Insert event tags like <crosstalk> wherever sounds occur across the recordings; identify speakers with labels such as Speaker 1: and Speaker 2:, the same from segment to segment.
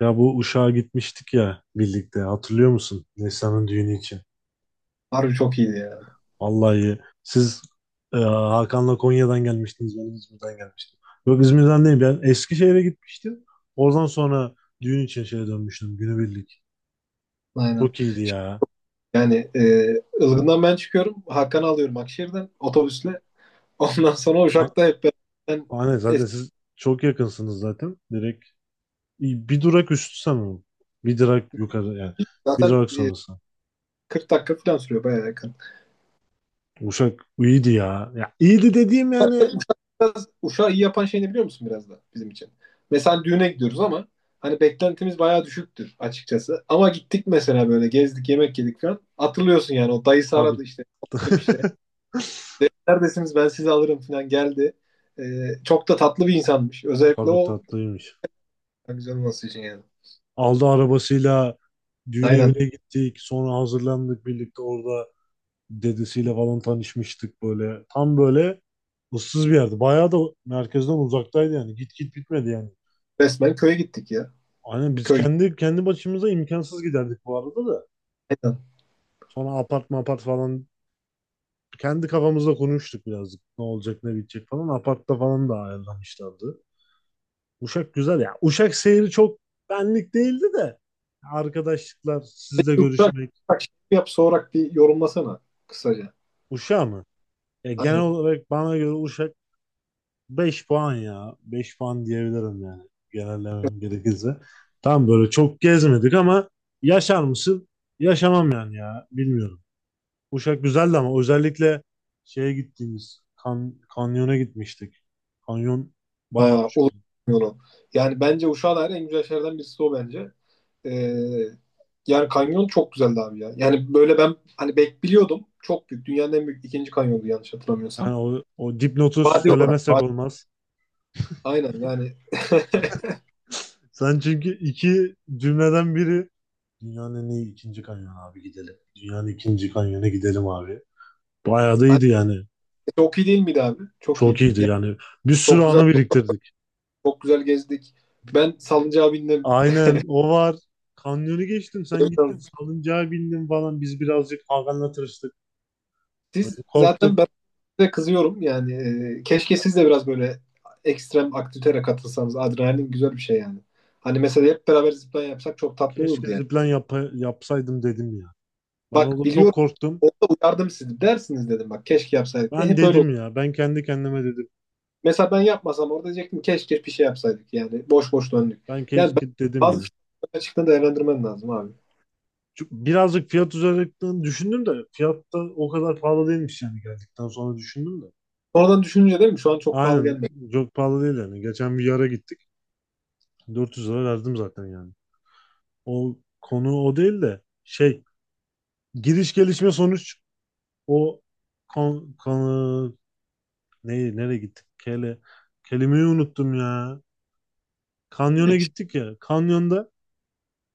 Speaker 1: Ya bu Uşak'a gitmiştik ya birlikte hatırlıyor musun? Neslihan'ın düğünü için.
Speaker 2: Harbi çok iyiydi ya.
Speaker 1: Vallahi siz Hakan'la Konya'dan gelmiştiniz, ben İzmir'den gelmiştim. Yok, İzmir'den değil, ben Eskişehir'e gitmiştim. Oradan sonra düğün için şeye dönmüştüm günübirlik.
Speaker 2: Aynen.
Speaker 1: Çok iyiydi ya.
Speaker 2: Yani Ilgın'dan ben çıkıyorum. Hakan'ı alıyorum Akşehir'den otobüsle. Ondan sonra
Speaker 1: A-
Speaker 2: Uşak'ta hep beraber ben
Speaker 1: Aynen, zaten
Speaker 2: eski
Speaker 1: siz çok yakınsınız zaten. Direkt bir durak üstü sanırım. Bir durak yukarı yani. Bir
Speaker 2: zaten
Speaker 1: durak sonrası.
Speaker 2: 40 dakika falan sürüyor bayağı yakın. <laughs>
Speaker 1: Uşak iyiydi ya. Ya iyiydi dediğim yani.
Speaker 2: Uşak'ı iyi yapan şey ne biliyor musun biraz da bizim için? Mesela hani düğüne gidiyoruz ama hani beklentimiz bayağı düşüktür açıkçası. Ama gittik mesela böyle gezdik yemek yedik falan. Hatırlıyorsun yani o dayısı
Speaker 1: Tabii.
Speaker 2: aradı işte. Konuştuk işte.
Speaker 1: <laughs>
Speaker 2: Dedi, "Neredesiniz, ben sizi alırım" falan geldi. E, çok da tatlı bir insanmış. Özellikle
Speaker 1: Tabii,
Speaker 2: o.
Speaker 1: tatlıymış.
Speaker 2: Ha, güzel olması için yani.
Speaker 1: Aldı arabasıyla düğün
Speaker 2: Aynen.
Speaker 1: evine gittik. Sonra hazırlandık birlikte orada, dedesiyle falan tanışmıştık böyle. Tam böyle ıssız bir yerdi. Bayağı da merkezden uzaktaydı yani. Git git bitmedi yani.
Speaker 2: Resmen köye gittik ya.
Speaker 1: Aynen, biz
Speaker 2: Köy.
Speaker 1: kendi başımıza imkansız giderdik bu arada da.
Speaker 2: Aynen.
Speaker 1: Sonra apart mapart falan kendi kafamızda konuştuk birazcık. Ne olacak ne bitecek falan. Apartta falan da ayarlamışlardı. Uşak güzel ya. Uşak seyri çok benlik değildi de. Arkadaşlıklar, sizle
Speaker 2: Yumuşak,
Speaker 1: görüşmek.
Speaker 2: yumuşak şey yap soğurak bir yorumlasana kısaca.
Speaker 1: Uşağı mı? Ya genel
Speaker 2: Aynen.
Speaker 1: olarak bana göre Uşak 5 puan ya. Beş puan diyebilirim yani. Genellemem gerekirse. Tam böyle çok gezmedik ama yaşar mısın? Yaşamam yani ya. Bilmiyorum. Uşak güzeldi ama özellikle şeye gittiğimiz kanyona gitmiştik. Kanyon bayağı
Speaker 2: Aa,
Speaker 1: hoş.
Speaker 2: olur. Bilmiyorum. Yani bence Uşak'a dair en güzel şeylerden birisi o bence. Ee, yani kanyon çok güzeldi abi ya. Yani böyle ben hani biliyordum. Çok büyük. Dünyanın en büyük ikinci kanyondu yanlış hatırlamıyorsam.
Speaker 1: Yani o dipnotu
Speaker 2: Vadi olarak.
Speaker 1: söylemezsek
Speaker 2: Vadi.
Speaker 1: olmaz.
Speaker 2: Aynen yani. <laughs>
Speaker 1: Sen çünkü iki cümleden biri dünyanın en iyi ikinci kanyonu abi gidelim. Dünyanın ikinci kanyonu gidelim abi. Bayağı da
Speaker 2: Aynen.
Speaker 1: iyiydi yani.
Speaker 2: Çok iyi değil miydi abi? Çok
Speaker 1: Çok
Speaker 2: iyiydi.
Speaker 1: iyiydi
Speaker 2: Yani
Speaker 1: yani. Bir sürü
Speaker 2: çok güzel.
Speaker 1: anı biriktirdik.
Speaker 2: Çok güzel gezdik. Ben salıncağa bindim.
Speaker 1: Aynen, o var. Kanyonu geçtim. Sen gittin
Speaker 2: <laughs>
Speaker 1: salıncağa bindin falan. Biz birazcık Hakan'la tırıştık. Böyle
Speaker 2: Siz zaten
Speaker 1: korktuk.
Speaker 2: ben size kızıyorum yani, keşke siz de biraz böyle ekstrem aktivitelere katılsanız. Adrenalin güzel bir şey yani. Hani mesela hep beraber zipline yapsak çok tatlı olurdu
Speaker 1: Keşke
Speaker 2: yani.
Speaker 1: zipline yapsaydım dedim ya. Ben
Speaker 2: Bak
Speaker 1: orada çok
Speaker 2: biliyorum,
Speaker 1: korktum.
Speaker 2: orada uyardım sizi, dersiniz dedim, bak keşke yapsaydık diye
Speaker 1: Ben
Speaker 2: hep öyle oldu.
Speaker 1: dedim ya. Ben kendi kendime dedim.
Speaker 2: Mesela ben yapmasam orada diyecektim, keşke bir şey yapsaydık yani, boş boş döndük.
Speaker 1: Ben
Speaker 2: Yani ben
Speaker 1: keşke dedim
Speaker 2: bazı
Speaker 1: ya.
Speaker 2: açıktan değerlendirmen lazım abi.
Speaker 1: Çünkü birazcık fiyat üzerinden düşündüm de, fiyat da o kadar pahalı değilmiş yani, geldikten sonra düşündüm de.
Speaker 2: Sonradan düşününce değil mi? Şu an çok pahalı
Speaker 1: Aynen,
Speaker 2: gelmedi.
Speaker 1: çok pahalı değil yani. Geçen bir yara gittik. 400 lira verdim zaten yani. O konu o değil de şey, giriş gelişme sonuç, o konu, neyi nereye gittik? Kelimeyi unuttum ya. Kanyona
Speaker 2: <laughs>
Speaker 1: gittik ya. Kanyonda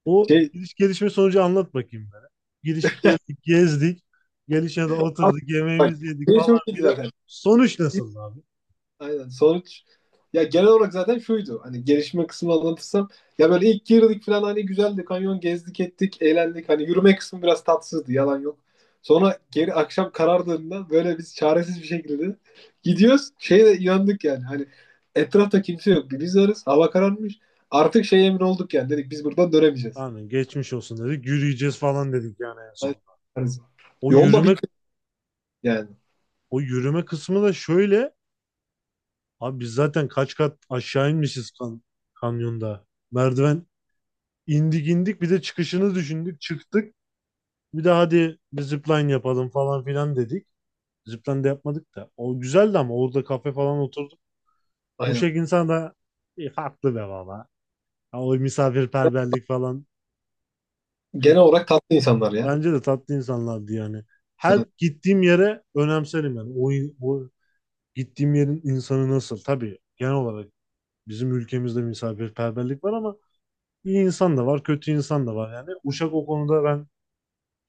Speaker 1: o
Speaker 2: Şey,
Speaker 1: giriş gelişme sonucu anlat bakayım bana. Giriş geldik, gezdik. Gelişmede oturduk,
Speaker 2: bak,
Speaker 1: yemeğimizi yedik
Speaker 2: şey
Speaker 1: falan
Speaker 2: çok iyi
Speaker 1: filan.
Speaker 2: zaten.
Speaker 1: Sonuç nasıl abi?
Speaker 2: Aynen. Sonuç ya genel olarak zaten şuydu. Hani gelişme kısmını anlatırsam, ya böyle ilk girdik falan, hani güzeldi. Kanyon gezdik ettik, eğlendik. Hani yürüme kısmı biraz tatsızdı. Yalan yok. Sonra geri akşam karardığında böyle biz çaresiz bir şekilde gidiyoruz. Şeye de inandık yani. Hani etrafta kimse yok. Biz varız. Hava kararmış. Artık şey emin olduk yani. Dedik biz buradan dönemeyeceğiz.
Speaker 1: Aynen, geçmiş olsun dedik. Yürüyeceğiz falan dedik yani en sonunda.
Speaker 2: Aynen.
Speaker 1: O
Speaker 2: Yolda
Speaker 1: yürüme
Speaker 2: bitti yani.
Speaker 1: o yürüme kısmı da şöyle, abi biz zaten kaç kat aşağı inmişiz kanyonda. Merdiven indik bir de çıkışını düşündük. Çıktık. Bir de hadi bir zipline yapalım falan filan dedik. Zipline de yapmadık da. O güzeldi ama orada kafe falan oturduk.
Speaker 2: Aynen.
Speaker 1: Uşak insan da haklı be baba. Ha, o misafirperverlik falan.
Speaker 2: Genel olarak tatlı insanlar ya.
Speaker 1: Bence de tatlı insanlardı yani. Her
Speaker 2: Evet.
Speaker 1: gittiğim yere önemserim yani. O gittiğim yerin insanı nasıl? Tabii genel olarak bizim ülkemizde misafirperverlik var ama İyi insan da var, kötü insan da var yani. Uşak o konuda ben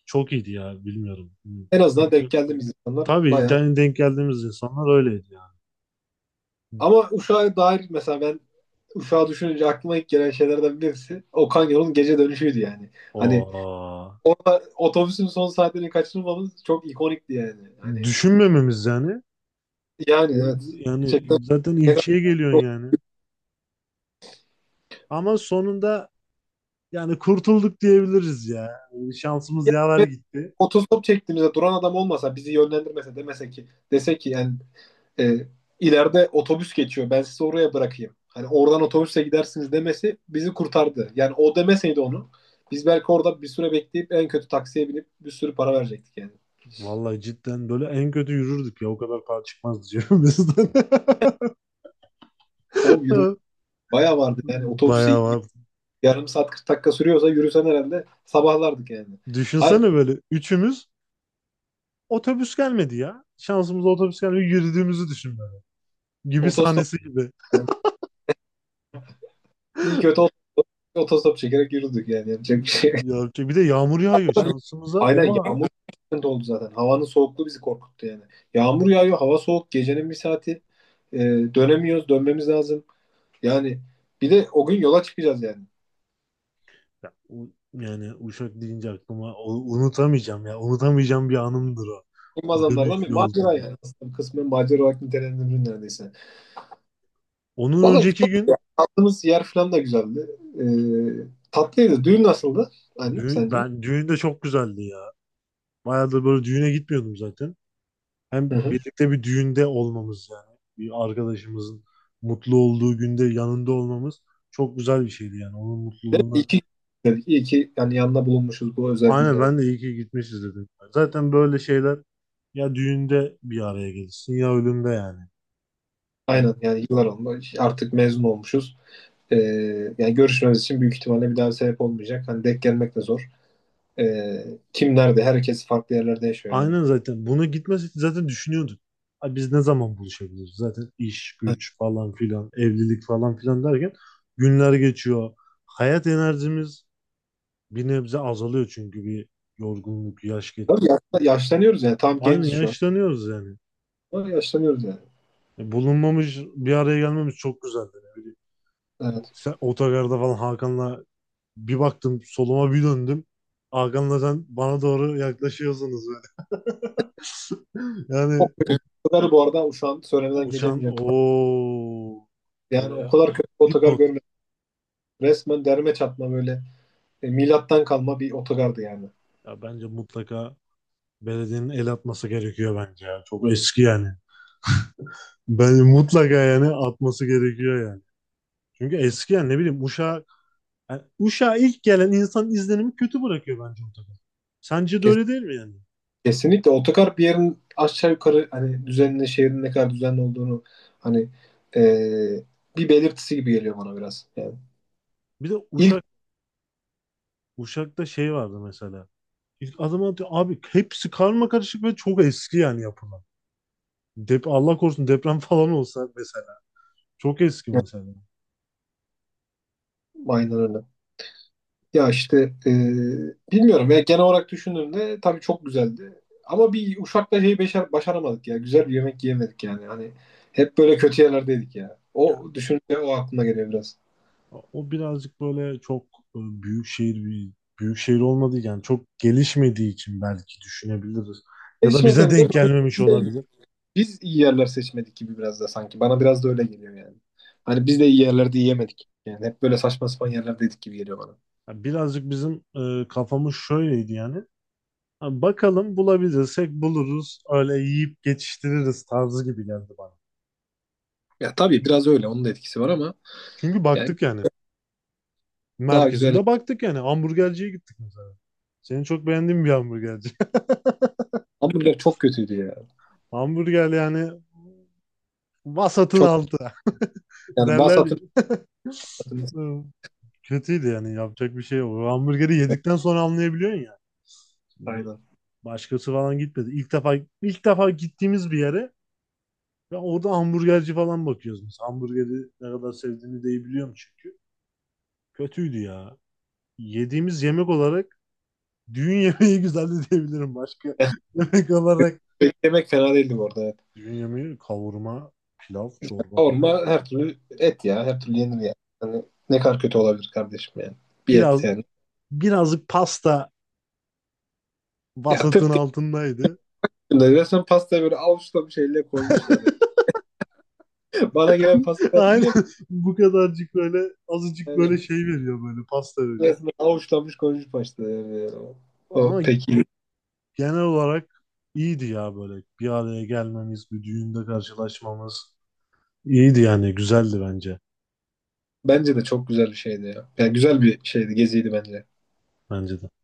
Speaker 1: çok iyiydi ya, bilmiyorum.
Speaker 2: En azından denk geldiğimiz insanlar
Speaker 1: Tabii
Speaker 2: bayağı.
Speaker 1: yani, denk geldiğimiz insanlar öyleydi yani.
Speaker 2: Ama Uşak'a dair mesela ben, Uşak'ı düşününce aklıma ilk gelen şeylerden birisi Okan Yol'un gece dönüşüydü yani. Hani
Speaker 1: Aa,
Speaker 2: orada otobüsün son saatlerini kaçırmamız çok ikonikti yani. Hani
Speaker 1: düşünmememiz yani.
Speaker 2: yani, evet.
Speaker 1: Yani
Speaker 2: Gerçekten
Speaker 1: zaten
Speaker 2: ne kadar.
Speaker 1: ilçeye geliyorsun yani. Ama sonunda yani kurtulduk diyebiliriz ya. Şansımız
Speaker 2: Ya,
Speaker 1: yaver
Speaker 2: evet,
Speaker 1: gitti.
Speaker 2: otostop çektiğimizde duran adam olmasa, bizi yönlendirmese, demese ki, dese ki yani e, ileride otobüs geçiyor, ben sizi oraya bırakayım, hani oradan otobüse gidersiniz demesi bizi kurtardı. Yani o demeseydi onu, biz belki orada bir süre bekleyip en kötü taksiye binip bir sürü para verecektik yani.
Speaker 1: Vallahi cidden böyle en kötü yürürdük ya, o kadar para çıkmaz diyorum bizden.
Speaker 2: O yürü bayağı vardı yani
Speaker 1: <laughs>
Speaker 2: otobüse,
Speaker 1: Bayağı var.
Speaker 2: yarım saat 40 dakika sürüyorsa yürüsen herhalde sabahlardık yani. Hayır,
Speaker 1: Düşünsene böyle üçümüz, otobüs gelmedi ya. Şansımıza otobüs gelmedi. Yürüdüğümüzü düşün böyle. Gibi
Speaker 2: otostop
Speaker 1: sahnesi gibi.
Speaker 2: yani, iyi kötü otostop çekerek yürüdük yani, yapacak bir şey.
Speaker 1: Ya, bir de yağmur yağıyor.
Speaker 2: <laughs>
Speaker 1: Şansımıza o
Speaker 2: Aynen
Speaker 1: var.
Speaker 2: yağmur de oldu zaten. Havanın soğukluğu bizi korkuttu yani. Yağmur yağıyor, hava soğuk, gecenin bir saati. Ee, dönemiyoruz, dönmemiz lazım. Yani bir de o gün yola çıkacağız yani.
Speaker 1: Ya, yani Uşak deyince aklıma unutamayacağım ya. Unutamayacağım bir anımdır o.
Speaker 2: Olmaz
Speaker 1: O
Speaker 2: anlardan bir
Speaker 1: dönüşlü olduğu.
Speaker 2: macera yani. Aslında kısmen macera olarak nitelendirilir neredeyse.
Speaker 1: Onun
Speaker 2: Valla
Speaker 1: önceki
Speaker 2: güzeldi
Speaker 1: gün
Speaker 2: ya. Kaldığımız yer falan da güzeldi. Tatlıydı. Düğün nasıldı? Hani
Speaker 1: düğün,
Speaker 2: sence?
Speaker 1: ben düğünde çok güzeldi ya. Bayağıdır böyle düğüne gitmiyordum zaten. Hem
Speaker 2: Hı hı.
Speaker 1: birlikte bir düğünde olmamız yani. Bir arkadaşımızın mutlu olduğu günde yanında olmamız çok güzel bir şeydi yani. Onun
Speaker 2: Değil mi? İyi
Speaker 1: mutluluğuna
Speaker 2: ki dedik. İyi ki yani yanına bulunmuşuz bu özel
Speaker 1: aynen,
Speaker 2: günde
Speaker 1: ben
Speaker 2: dedik.
Speaker 1: de iyi ki gitmişiz dedim. Zaten böyle şeyler, ya düğünde bir araya gelirsin ya ölümde yani. Yani
Speaker 2: Aynen yani, yıllar oldu. Artık mezun olmuşuz. Ee, yani görüşmemiz için büyük ihtimalle bir daha sebep olmayacak. Hani denk gelmek de zor. Ee, kim nerede? Herkes farklı yerlerde yaşıyor yani.
Speaker 1: aynen, zaten buna gitmesek zaten düşünüyorduk. Ay biz ne zaman buluşabiliriz? Zaten iş,
Speaker 2: Evet.
Speaker 1: güç falan filan, evlilik falan filan derken günler geçiyor. Hayat enerjimiz bir nebze azalıyor çünkü bir yorgunluk, yaş geç.
Speaker 2: Tabii yaşlanıyoruz yani. Tam
Speaker 1: Aynı
Speaker 2: genciz şu an.
Speaker 1: yaşlanıyoruz yani.
Speaker 2: Ama yaşlanıyoruz yani.
Speaker 1: Bulunmamış bir araya gelmemiz çok güzeldi. Ne bileyim.
Speaker 2: Evet.
Speaker 1: Sen otogarda falan Hakan'la, bir baktım soluma bir döndüm. Hakan'la sen bana doğru yaklaşıyorsunuz böyle. <laughs>
Speaker 2: O,
Speaker 1: Yani
Speaker 2: evet, otogarı bu arada şu an söylemeden
Speaker 1: uçan
Speaker 2: geçemeyeceğim.
Speaker 1: o
Speaker 2: Yani
Speaker 1: oraya
Speaker 2: o kadar kötü bir otogar,
Speaker 1: dipnot.
Speaker 2: resmen derme çatma, böyle milattan kalma bir otogardı yani.
Speaker 1: Ya bence mutlaka belediyenin el atması gerekiyor bence ya. Çok eski yani. Ben mutlaka yani atması gerekiyor yani. Çünkü eski yani, ne bileyim Uşak, yani Uşak'a ilk gelen insan izlenimi kötü bırakıyor bence ortada. Sence de
Speaker 2: Kes-
Speaker 1: öyle değil mi yani?
Speaker 2: Kesinlikle otogar bir yerin aşağı yukarı hani düzenli, şehrin ne kadar düzenli olduğunu hani, e, bir belirtisi gibi geliyor bana biraz. Yani
Speaker 1: Bir de
Speaker 2: ilk
Speaker 1: Uşak Uşak'ta şey vardı mesela. İlk adım atıyor. Abi hepsi karma karışık ve çok eski yani yapılan. Allah korusun deprem <laughs> falan olsa mesela. Çok eski mesela.
Speaker 2: aynen. Ya işte e, bilmiyorum ya, genel olarak düşündüğümde tabii çok güzeldi. Ama bir Uşak'ta şeyi başaramadık ya. Güzel bir yemek yiyemedik yani. Hani hep böyle kötü yerlerdeydik ya.
Speaker 1: Ya.
Speaker 2: O düşünce o aklıma geliyor biraz.
Speaker 1: O birazcık böyle çok, büyük şehir bir büyük şehir olmadığı yani çok gelişmediği için belki düşünebiliriz. Ya da
Speaker 2: Erişmese
Speaker 1: bize
Speaker 2: bile,
Speaker 1: denk gelmemiş olabilir.
Speaker 2: biz iyi yerler seçmedik gibi biraz da sanki. Bana biraz da öyle geliyor yani. Hani biz de iyi yerlerde yiyemedik. Yani hep böyle saçma sapan yerlerdeydik gibi geliyor bana.
Speaker 1: Ya birazcık bizim kafamız şöyleydi yani. Ha, bakalım bulabilirsek buluruz. Öyle yiyip geçiştiririz tarzı gibi geldi bana.
Speaker 2: Ya tabii biraz öyle, onun da etkisi var ama
Speaker 1: Çünkü
Speaker 2: yani
Speaker 1: baktık yani,
Speaker 2: daha güzel.
Speaker 1: merkezinde baktık yani. Hamburgerciye gittik mesela. Senin çok beğendiğin bir hamburgerci.
Speaker 2: Hamburger çok kötüydü ya.
Speaker 1: <laughs> Hamburger yani vasatın
Speaker 2: Çok
Speaker 1: altı, <laughs>
Speaker 2: yani
Speaker 1: derler ya.
Speaker 2: vasatını,
Speaker 1: Hı, kötüydü yani yapacak bir şey yok. O hamburgeri yedikten sonra anlayabiliyorsun ya. Şimdi
Speaker 2: aynen.
Speaker 1: başkası falan gitmedi. İlk defa gittiğimiz bir yere ve orada hamburgerci falan bakıyoruz biz. Hamburgeri ne kadar sevdiğini de iyi biliyorum çünkü. Kötüydü ya. Yediğimiz yemek olarak düğün yemeği <laughs> güzeldi diyebilirim, başka <laughs> yemek olarak
Speaker 2: <laughs> Yemek fena değildi bu arada. Evet.
Speaker 1: düğün yemeği: kavurma, pilav, çorba falan.
Speaker 2: Kavurma her türlü et ya. Her türlü yenir ya. Hani ne kadar kötü olabilir kardeşim yani. Bir et
Speaker 1: Biraz
Speaker 2: yani.
Speaker 1: birazcık pasta
Speaker 2: Ya
Speaker 1: vasatın
Speaker 2: tırt ya.
Speaker 1: altındaydı.
Speaker 2: Resmen pastayı böyle avuçla bir şeyle koymuşlar. <laughs> Bana gelen
Speaker 1: <laughs>
Speaker 2: pastayı
Speaker 1: Aynen,
Speaker 2: hatırlıyor musun?
Speaker 1: bu kadarcık böyle azıcık böyle
Speaker 2: Yani
Speaker 1: şey veriyor, böyle pasta veriyor.
Speaker 2: resmen avuçlanmış, koymuş başta yani. O
Speaker 1: Ama
Speaker 2: peki.
Speaker 1: genel olarak iyiydi ya, böyle bir araya gelmemiz, bir düğünde karşılaşmamız iyiydi yani, güzeldi bence.
Speaker 2: Bence de çok güzel bir şeydi ya. Yani güzel bir şeydi, geziydi bence.
Speaker 1: Bence de.